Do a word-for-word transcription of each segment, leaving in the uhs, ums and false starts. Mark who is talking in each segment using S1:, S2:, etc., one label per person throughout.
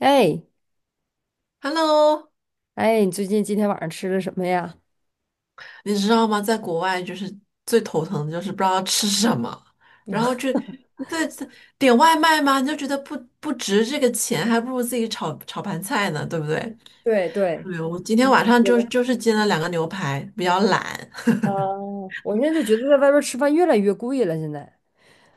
S1: 哎
S2: Hello，
S1: 哎，你最近今天晚上吃的什么呀？
S2: 你知道吗？在国外就是最头疼的就是不知道吃什么，然后 这对，点外卖吗？你就觉得不不值这个钱，还不如自己炒炒盘菜呢，对不对？
S1: 对对，
S2: 对，我今天晚上
S1: 觉
S2: 就是
S1: 得
S2: 就是煎了两个牛排，比较懒。
S1: 啊，我现在就觉得在外边儿吃饭越来越贵了。现在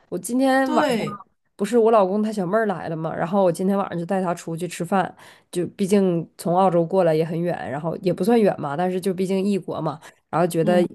S1: 我今天晚上
S2: 对，
S1: 不是我老公他小妹儿来了嘛，然后我今天晚上就带她出去吃饭，就毕竟从澳洲过来也很远，然后也不算远嘛，但是就毕竟异国嘛，然后觉
S2: 嗯，
S1: 得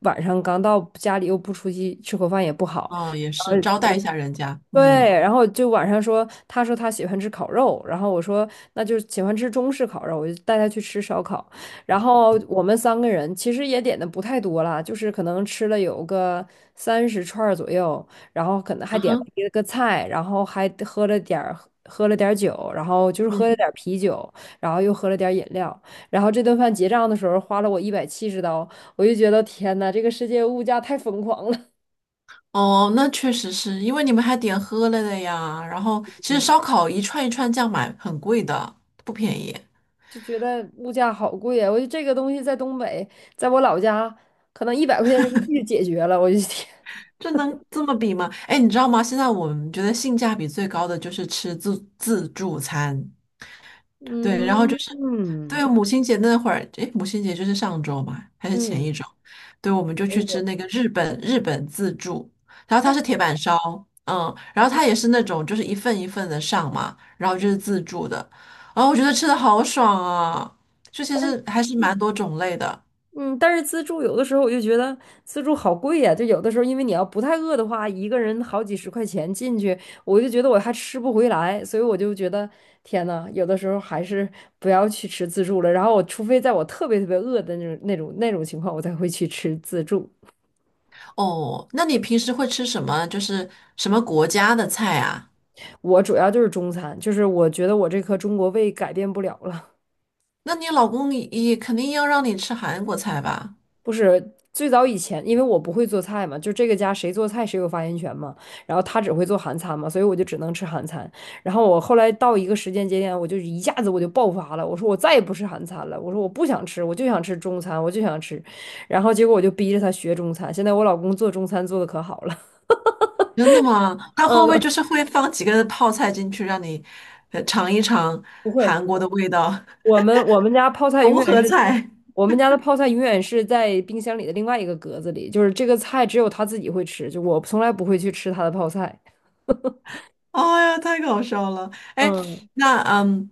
S1: 晚上刚到家里又不出去吃口饭也不好。
S2: 哦，也是招 待一下人家，
S1: 对，
S2: 嗯，
S1: 然后就晚上说，他说他喜欢吃烤肉，然后我说那就喜欢吃中式烤肉，我就带他去吃烧烤。然后我们三个人其实也点的不太多了，就是可能吃了有个三十串儿左右，然后可能还
S2: 啊
S1: 点了
S2: 哼，
S1: 一个菜，然后还喝了点儿喝了点儿酒，然后就是喝了
S2: 嗯，
S1: 点儿啤酒，然后又喝了点儿饮料。然后这顿饭结账的时候花了我一百七十刀，我就觉得天呐，这个世界物价太疯狂了。
S2: 哦，那确实是因为你们还点喝了的呀，然后其实烧烤一串一串这样买很贵的，不便宜。
S1: 就觉得物价好贵啊！我觉得这个东西在东北，在我老家，可能一百块钱人民币就解决了。我就天，
S2: 这能这么比吗？哎，你知道吗？现在我们觉得性价比最高的就是吃自自助餐，对，然后就
S1: 嗯
S2: 是
S1: 嗯
S2: 对母亲节那会儿，哎，母亲节就是上周嘛，还是前一
S1: 嗯，
S2: 周？对，我们就
S1: 哎
S2: 去吃
S1: 呦，
S2: 那个日本日本自助，然后它是铁板烧，嗯，然后它也是那种就是一份一份的上嘛，然后就是自助的，然后我觉得吃的好爽啊，就其实还是蛮多种类的
S1: 嗯，但是自助有的时候我就觉得自助好贵呀、就有的时候，因为你要不太饿的话，一个人好几十块钱进去，我就觉得我还吃不回来，所以我就觉得天呐，有的时候还是不要去吃自助了。然后我除非在我特别特别饿的那种那种那种情况，我才会去吃自助。
S2: 哦。那你平时会吃什么？就是什么国家的菜啊？
S1: 我主要就是中餐，就是我觉得我这颗中国胃改变不了了。
S2: 那你老公也肯定要让你吃韩国菜吧？
S1: 不是最早以前，因为我不会做菜嘛，就这个家谁做菜谁有发言权嘛。然后他只会做韩餐嘛，所以我就只能吃韩餐。然后我后来到一个时间节点，我就一下子我就爆发了，我说我再也不吃韩餐了，我说我不想吃，我就想吃中餐，我就想吃。然后结果我就逼着他学中餐，现在我老公做中餐做的可好了。
S2: 真的吗？他会不会就
S1: 嗯，
S2: 是会放几个泡菜进去，让你呃尝一尝
S1: 不会，
S2: 韩国的味道？
S1: 我们我们家泡 菜永
S2: 融
S1: 远
S2: 合
S1: 是
S2: 菜？
S1: 我们家的泡菜永远是在冰箱里的另外一个格子里，就是这个菜只有他自己会吃，就我从来不会去吃他的泡菜。
S2: 哎呀，太搞笑了！哎，
S1: 嗯，
S2: 那嗯，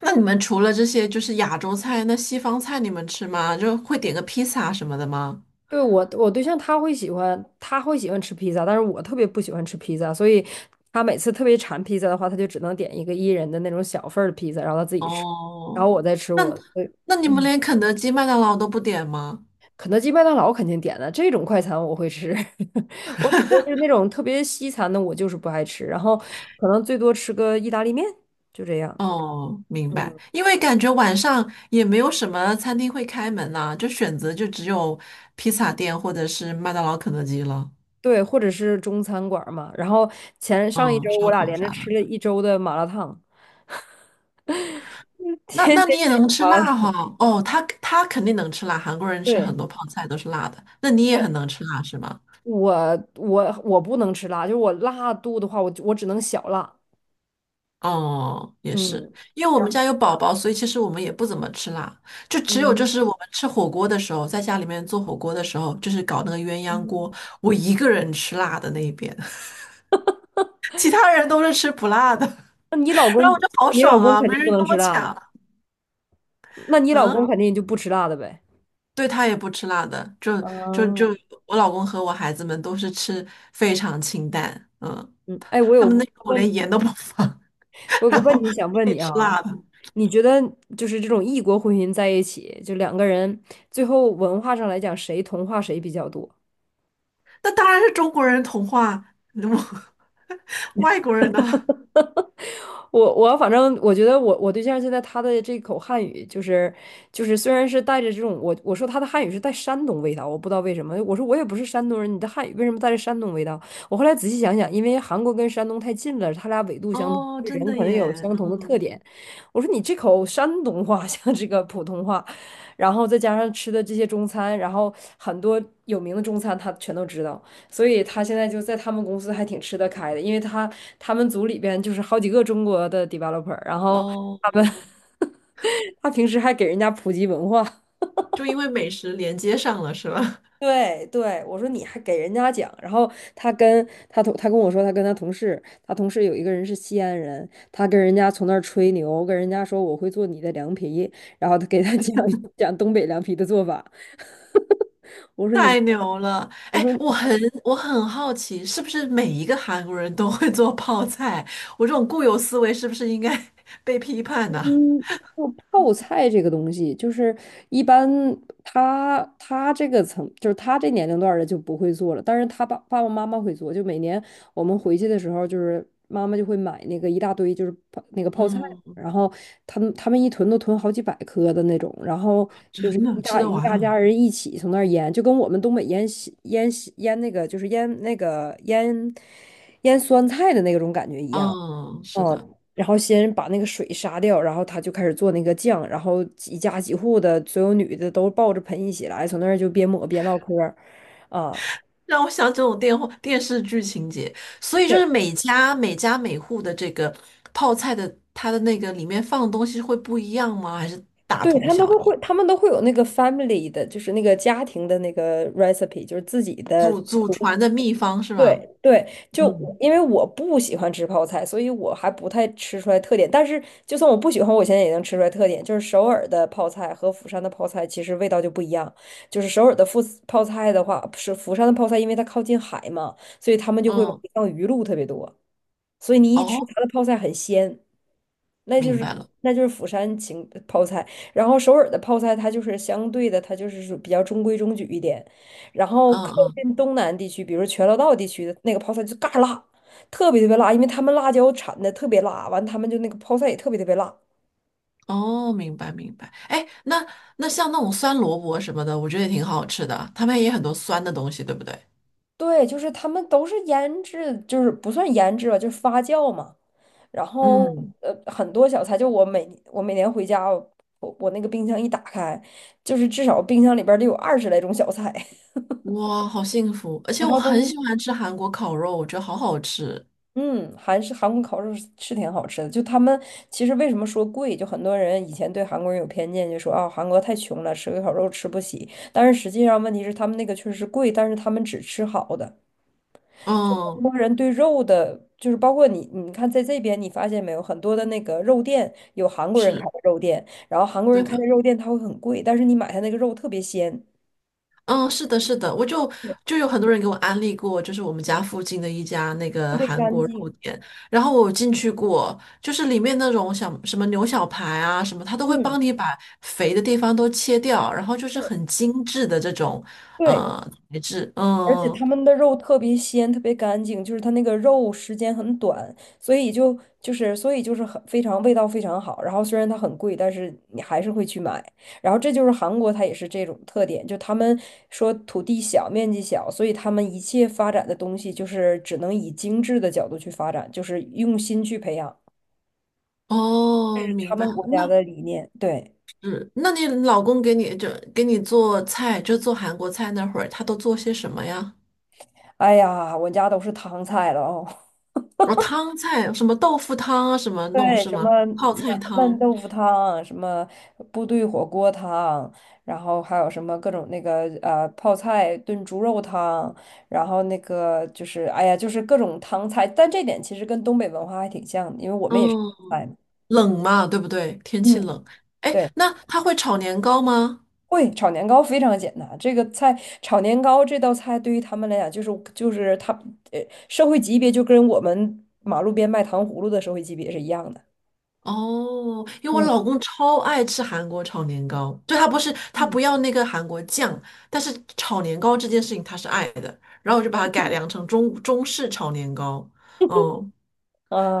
S2: 那你们除了这些就是亚洲菜，那西方菜你们吃吗？就会点个披萨什么的吗？
S1: 对，我，我对象他会喜欢，他会喜欢吃披萨，但是我特别不喜欢吃披萨，所以他每次特别馋披萨的话，他就只能点一个一人的那种小份儿的披萨，然后他自己吃，然
S2: 哦，
S1: 后我再吃我的。对，
S2: 那你们
S1: 嗯，
S2: 连肯德基、麦当劳都不点吗？
S1: 肯德基、麦当劳肯定点的，这种快餐我会吃。我只不过是那种特别西餐的，我就是不爱吃，然后可能最多吃个意大利面，就这样。
S2: 哦，明白。因为感觉晚上也没有什么餐厅会开门呐、就选择就只有披萨店或者是麦当劳、肯德基了。
S1: 对，或者是中餐馆儿嘛。然后前上一
S2: 嗯，
S1: 周我
S2: 烧
S1: 俩
S2: 烤
S1: 连着
S2: 啥的。
S1: 吃了一周的麻辣烫。
S2: 那
S1: 天
S2: 那
S1: 天
S2: 你也
S1: 去吃
S2: 能吃
S1: 麻辣
S2: 辣哈、
S1: 烫。
S2: 哦，他他肯定能吃辣，韩国人吃
S1: 对，
S2: 很多泡菜都是辣的。那你也很能吃辣是吗？
S1: 我我我不能吃辣，就是我辣度的话，我我只能小辣。
S2: 哦，也是，
S1: 嗯，
S2: 因为我
S1: 然
S2: 们
S1: 后
S2: 家有宝宝，所以其实我们也不怎么吃辣，就只有就
S1: 嗯，
S2: 是我们吃火锅的时候，在家里面做火锅的时候，就是搞那个鸳鸯锅，
S1: 嗯
S2: 我一个人吃辣的那一边。其他人都是吃不辣的，
S1: 那你老
S2: 然后
S1: 公
S2: 我就好
S1: 你老
S2: 爽
S1: 公
S2: 啊，
S1: 肯
S2: 没
S1: 定
S2: 人
S1: 不能
S2: 跟
S1: 吃
S2: 我
S1: 辣
S2: 抢。
S1: 的，那你老
S2: 嗯，
S1: 公肯定就不吃辣的呗。
S2: 对他也不吃辣的，就就
S1: 哦，
S2: 就我老公和我孩子们都是吃非常清淡，嗯，
S1: 嗯，哎，我
S2: 他
S1: 有
S2: 们那
S1: 个
S2: 口
S1: 问
S2: 连
S1: 题，
S2: 盐都不放，
S1: 我 有个
S2: 然后
S1: 问
S2: 我
S1: 题想问
S2: 得
S1: 你啊，
S2: 吃辣的，
S1: 你觉得就是这种异国婚姻在一起，就两个人最后文化上来讲，谁同化谁比较多？
S2: 那当然是中国人童话，我 外国人呢？
S1: 我我反正我觉得我我对象现在他的这口汉语就是就是虽然是带着这种我我说他的汉语是带山东味道，我不知道为什么。我说我也不是山东人，你的汉语为什么带着山东味道？我后来仔细想想，因为韩国跟山东太近了，他俩纬度相同，
S2: 哦，真
S1: 人
S2: 的
S1: 可能有
S2: 耶，
S1: 相同的
S2: 嗯
S1: 特点。我说你这口山东话 像这个普通话，然后再加上吃的这些中餐，然后很多有名的中餐他全都知道。所以他现在就在他们公司还挺吃得开的，因为他他们组里边就是好几个中国的 developer，然后他们
S2: 哦，
S1: 他平时还给人家普及文化。
S2: 就因为美食连接上了是吧？
S1: 对对，我说你还给人家讲，然后他跟他同他跟我说，他跟他同事，他同事有一个人是西安人，他跟人家从那儿吹牛，跟人家说我会做你的凉皮，然后他给他讲 讲东北凉皮的做法。我说你，
S2: 太牛了！
S1: 我
S2: 哎，
S1: 说。
S2: 我很我很好奇，是不是每一个韩国人都会做泡菜？我这种固有思维是不是应该 被批判呢、
S1: 嗯，就泡菜这个东西，就是一般他他这个层，就是他这年龄段儿的就不会做了，但是他爸爸爸妈妈会做。就每年我们回去的时候，就是妈妈就会买那个一大堆，就是泡那个泡菜，
S2: 嗯，
S1: 然后他们他们一囤都囤好几百颗的那种，然后就是
S2: 真的
S1: 一
S2: 吃
S1: 大
S2: 得
S1: 一
S2: 完
S1: 大家
S2: 啊。
S1: 人一起从那儿腌，就跟我们东北腌西腌西腌那个就是腌那个腌腌酸菜的那种感觉一样。
S2: 嗯，是
S1: 哦，
S2: 的，
S1: 然后先把那个水杀掉，然后他就开始做那个酱，然后几家几户的所有女的都抱着盆一起来，从那儿就边抹边唠嗑儿，啊，
S2: 让我想这种电话电视剧情节，所以就
S1: 对，
S2: 是每家每家每户的这个泡菜的，它的那个里面放的东西会不一样吗？还是大
S1: 对，
S2: 同
S1: 他们
S2: 小
S1: 都
S2: 异？
S1: 会，他们都会有那个 family 的，就是那个家庭的那个 recipe，就是自己的
S2: 祖祖传的秘方是吧？
S1: 对对，就
S2: 嗯
S1: 因为我不喜欢吃泡菜，所以我还不太吃出来特点。但是就算我不喜欢，我现在也能吃出来特点，就是首尔的泡菜和釜山的泡菜其实味道就不一样。就是首尔的富泡菜的话，是釜山的泡菜，因为它靠近海嘛，所以他们就会往
S2: 嗯，
S1: 里放鱼露特别多，所以你一吃
S2: 哦，
S1: 它的泡菜很鲜。那就
S2: 明
S1: 是
S2: 白了。
S1: 那就是釜山芹泡菜，然后首尔的泡菜它就是相对的，它就是属比较中规中矩一点，然后
S2: 嗯
S1: 靠
S2: 嗯
S1: 近东南地区，比如全罗道地区的那个泡菜就嘎辣，特别特别辣，因为他们辣椒产的特别辣，完他们就那个泡菜也特别特别辣。
S2: 哦，明白明白。哎，那那像那种酸萝卜什么的，我觉得也挺好吃的。他们也很多酸的东西，对不对？
S1: 对，就是他们都是腌制，就是不算腌制吧，就是发酵嘛。然后
S2: 嗯，
S1: 呃，很多小菜，就我每我每年回家，我我那个冰箱一打开，就是至少冰箱里边儿得有二十来种小菜。
S2: 哇，好幸福！而且
S1: 然
S2: 我
S1: 后
S2: 很
S1: 都
S2: 喜欢吃韩国烤肉，我觉得好好吃。
S1: 嗯，韩式韩国烤肉是是挺好吃的。就他们其实为什么说贵，就很多人以前对韩国人有偏见，就说啊韩国太穷了，吃个烤肉吃不起。但是实际上问题是他们那个确实是贵，但是他们只吃好的。就很
S2: 嗯，
S1: 多人对肉的，就是包括你，你看在这边你发现没有，很多的那个肉店有韩国人开
S2: 是，
S1: 的肉店，然后韩国
S2: 对
S1: 人开的
S2: 的。
S1: 肉店它会很贵，但是你买它那个肉特别鲜，
S2: 嗯，是的，是的，我就
S1: 对
S2: 就有很多人给我安利过，就是我们家附近的一家那
S1: 特
S2: 个
S1: 别
S2: 韩
S1: 干
S2: 国肉
S1: 净。
S2: 店，然后我有进去过，就是里面那种小什么牛小排啊什么，他都会
S1: 嗯，
S2: 帮你把肥的地方都切掉，然后就是很精致的这种
S1: 对。
S2: 呃材质，
S1: 而且
S2: 嗯，
S1: 他们的肉特别鲜，特别干净，就是它那个肉时间很短，所以就就是所以就是很非常味道非常好。然后虽然它很贵，但是你还是会去买。然后这就是韩国，它也是这种特点，就他们说土地小，面积小，所以他们一切发展的东西就是只能以精致的角度去发展，就是用心去培养
S2: 哦，
S1: 他
S2: 明白，
S1: 们国家
S2: 那
S1: 的理念。对，
S2: 是，那你老公给你就给你做菜，就做韩国菜那会儿，他都做些什么呀？
S1: 哎呀，我家都是汤菜了哦。
S2: 哦，汤菜，什么豆腐汤啊，什么弄
S1: 对，
S2: 是
S1: 什么
S2: 吗？泡菜
S1: 烂烂
S2: 汤。
S1: 豆腐汤，什么部队火锅汤，然后还有什么各种那个呃泡菜炖猪肉汤，然后那个就是哎呀，就是各种汤菜，但这点其实跟东北文化还挺像的，因为我们也是
S2: 嗯。
S1: 川菜嘛。
S2: 冷嘛，对不对？天气
S1: 嗯，
S2: 冷，哎，
S1: 对，
S2: 那他会炒年糕吗？
S1: 会炒年糕非常简单，这个菜炒年糕这道菜对于他们来讲就是就是他呃社会级别就跟我们马路边卖糖葫芦的社会级别是一样的。
S2: 哦，因为我
S1: 嗯
S2: 老公超爱吃韩国炒年糕，就他不是他不
S1: 嗯。
S2: 要那个韩国酱，但是炒年糕这件事情他是爱的，然后我就把它改良成中中式炒年糕，嗯，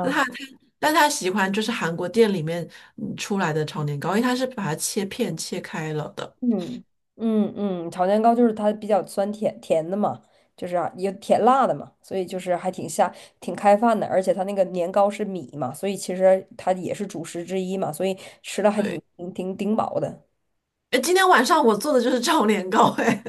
S2: 但他他但他喜欢就是韩国店里面嗯出来的炒年糕，因为他是把它切片切开了的，
S1: 嗯嗯嗯，炒年糕就是它比较酸甜甜的嘛，就是啊有甜辣的嘛，所以就是还挺下挺开饭的，而且它那个年糕是米嘛，所以其实它也是主食之一嘛，所以吃的还挺
S2: 对，
S1: 挺挺顶饱的。
S2: 哎，今天晚上我做的就是炒年糕，哎。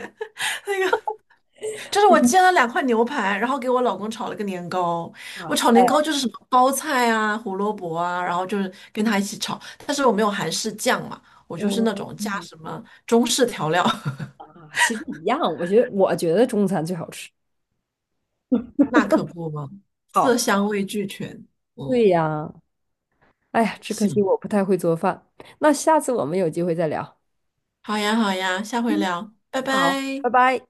S2: 就是我煎了 两块牛排，然后给我老公炒了个年糕。
S1: 嗯
S2: 我
S1: 哇塞，
S2: 炒年糕就是什么包菜啊、胡萝卜啊，然后就是跟他一起炒。但是我没有韩式酱嘛，我就是
S1: 嗯，
S2: 那种加
S1: 嗯
S2: 什么中式调料，
S1: 啊，其实一样，我觉得我觉得中餐最好吃。
S2: 那可不嘛，色
S1: 好，
S2: 香味俱全。嗯，
S1: 对呀，哎呀，只可惜
S2: 行，
S1: 我不太会做饭。那下次我们有机会再聊。
S2: 好呀好呀，下回聊，拜
S1: 好，
S2: 拜。
S1: 拜拜。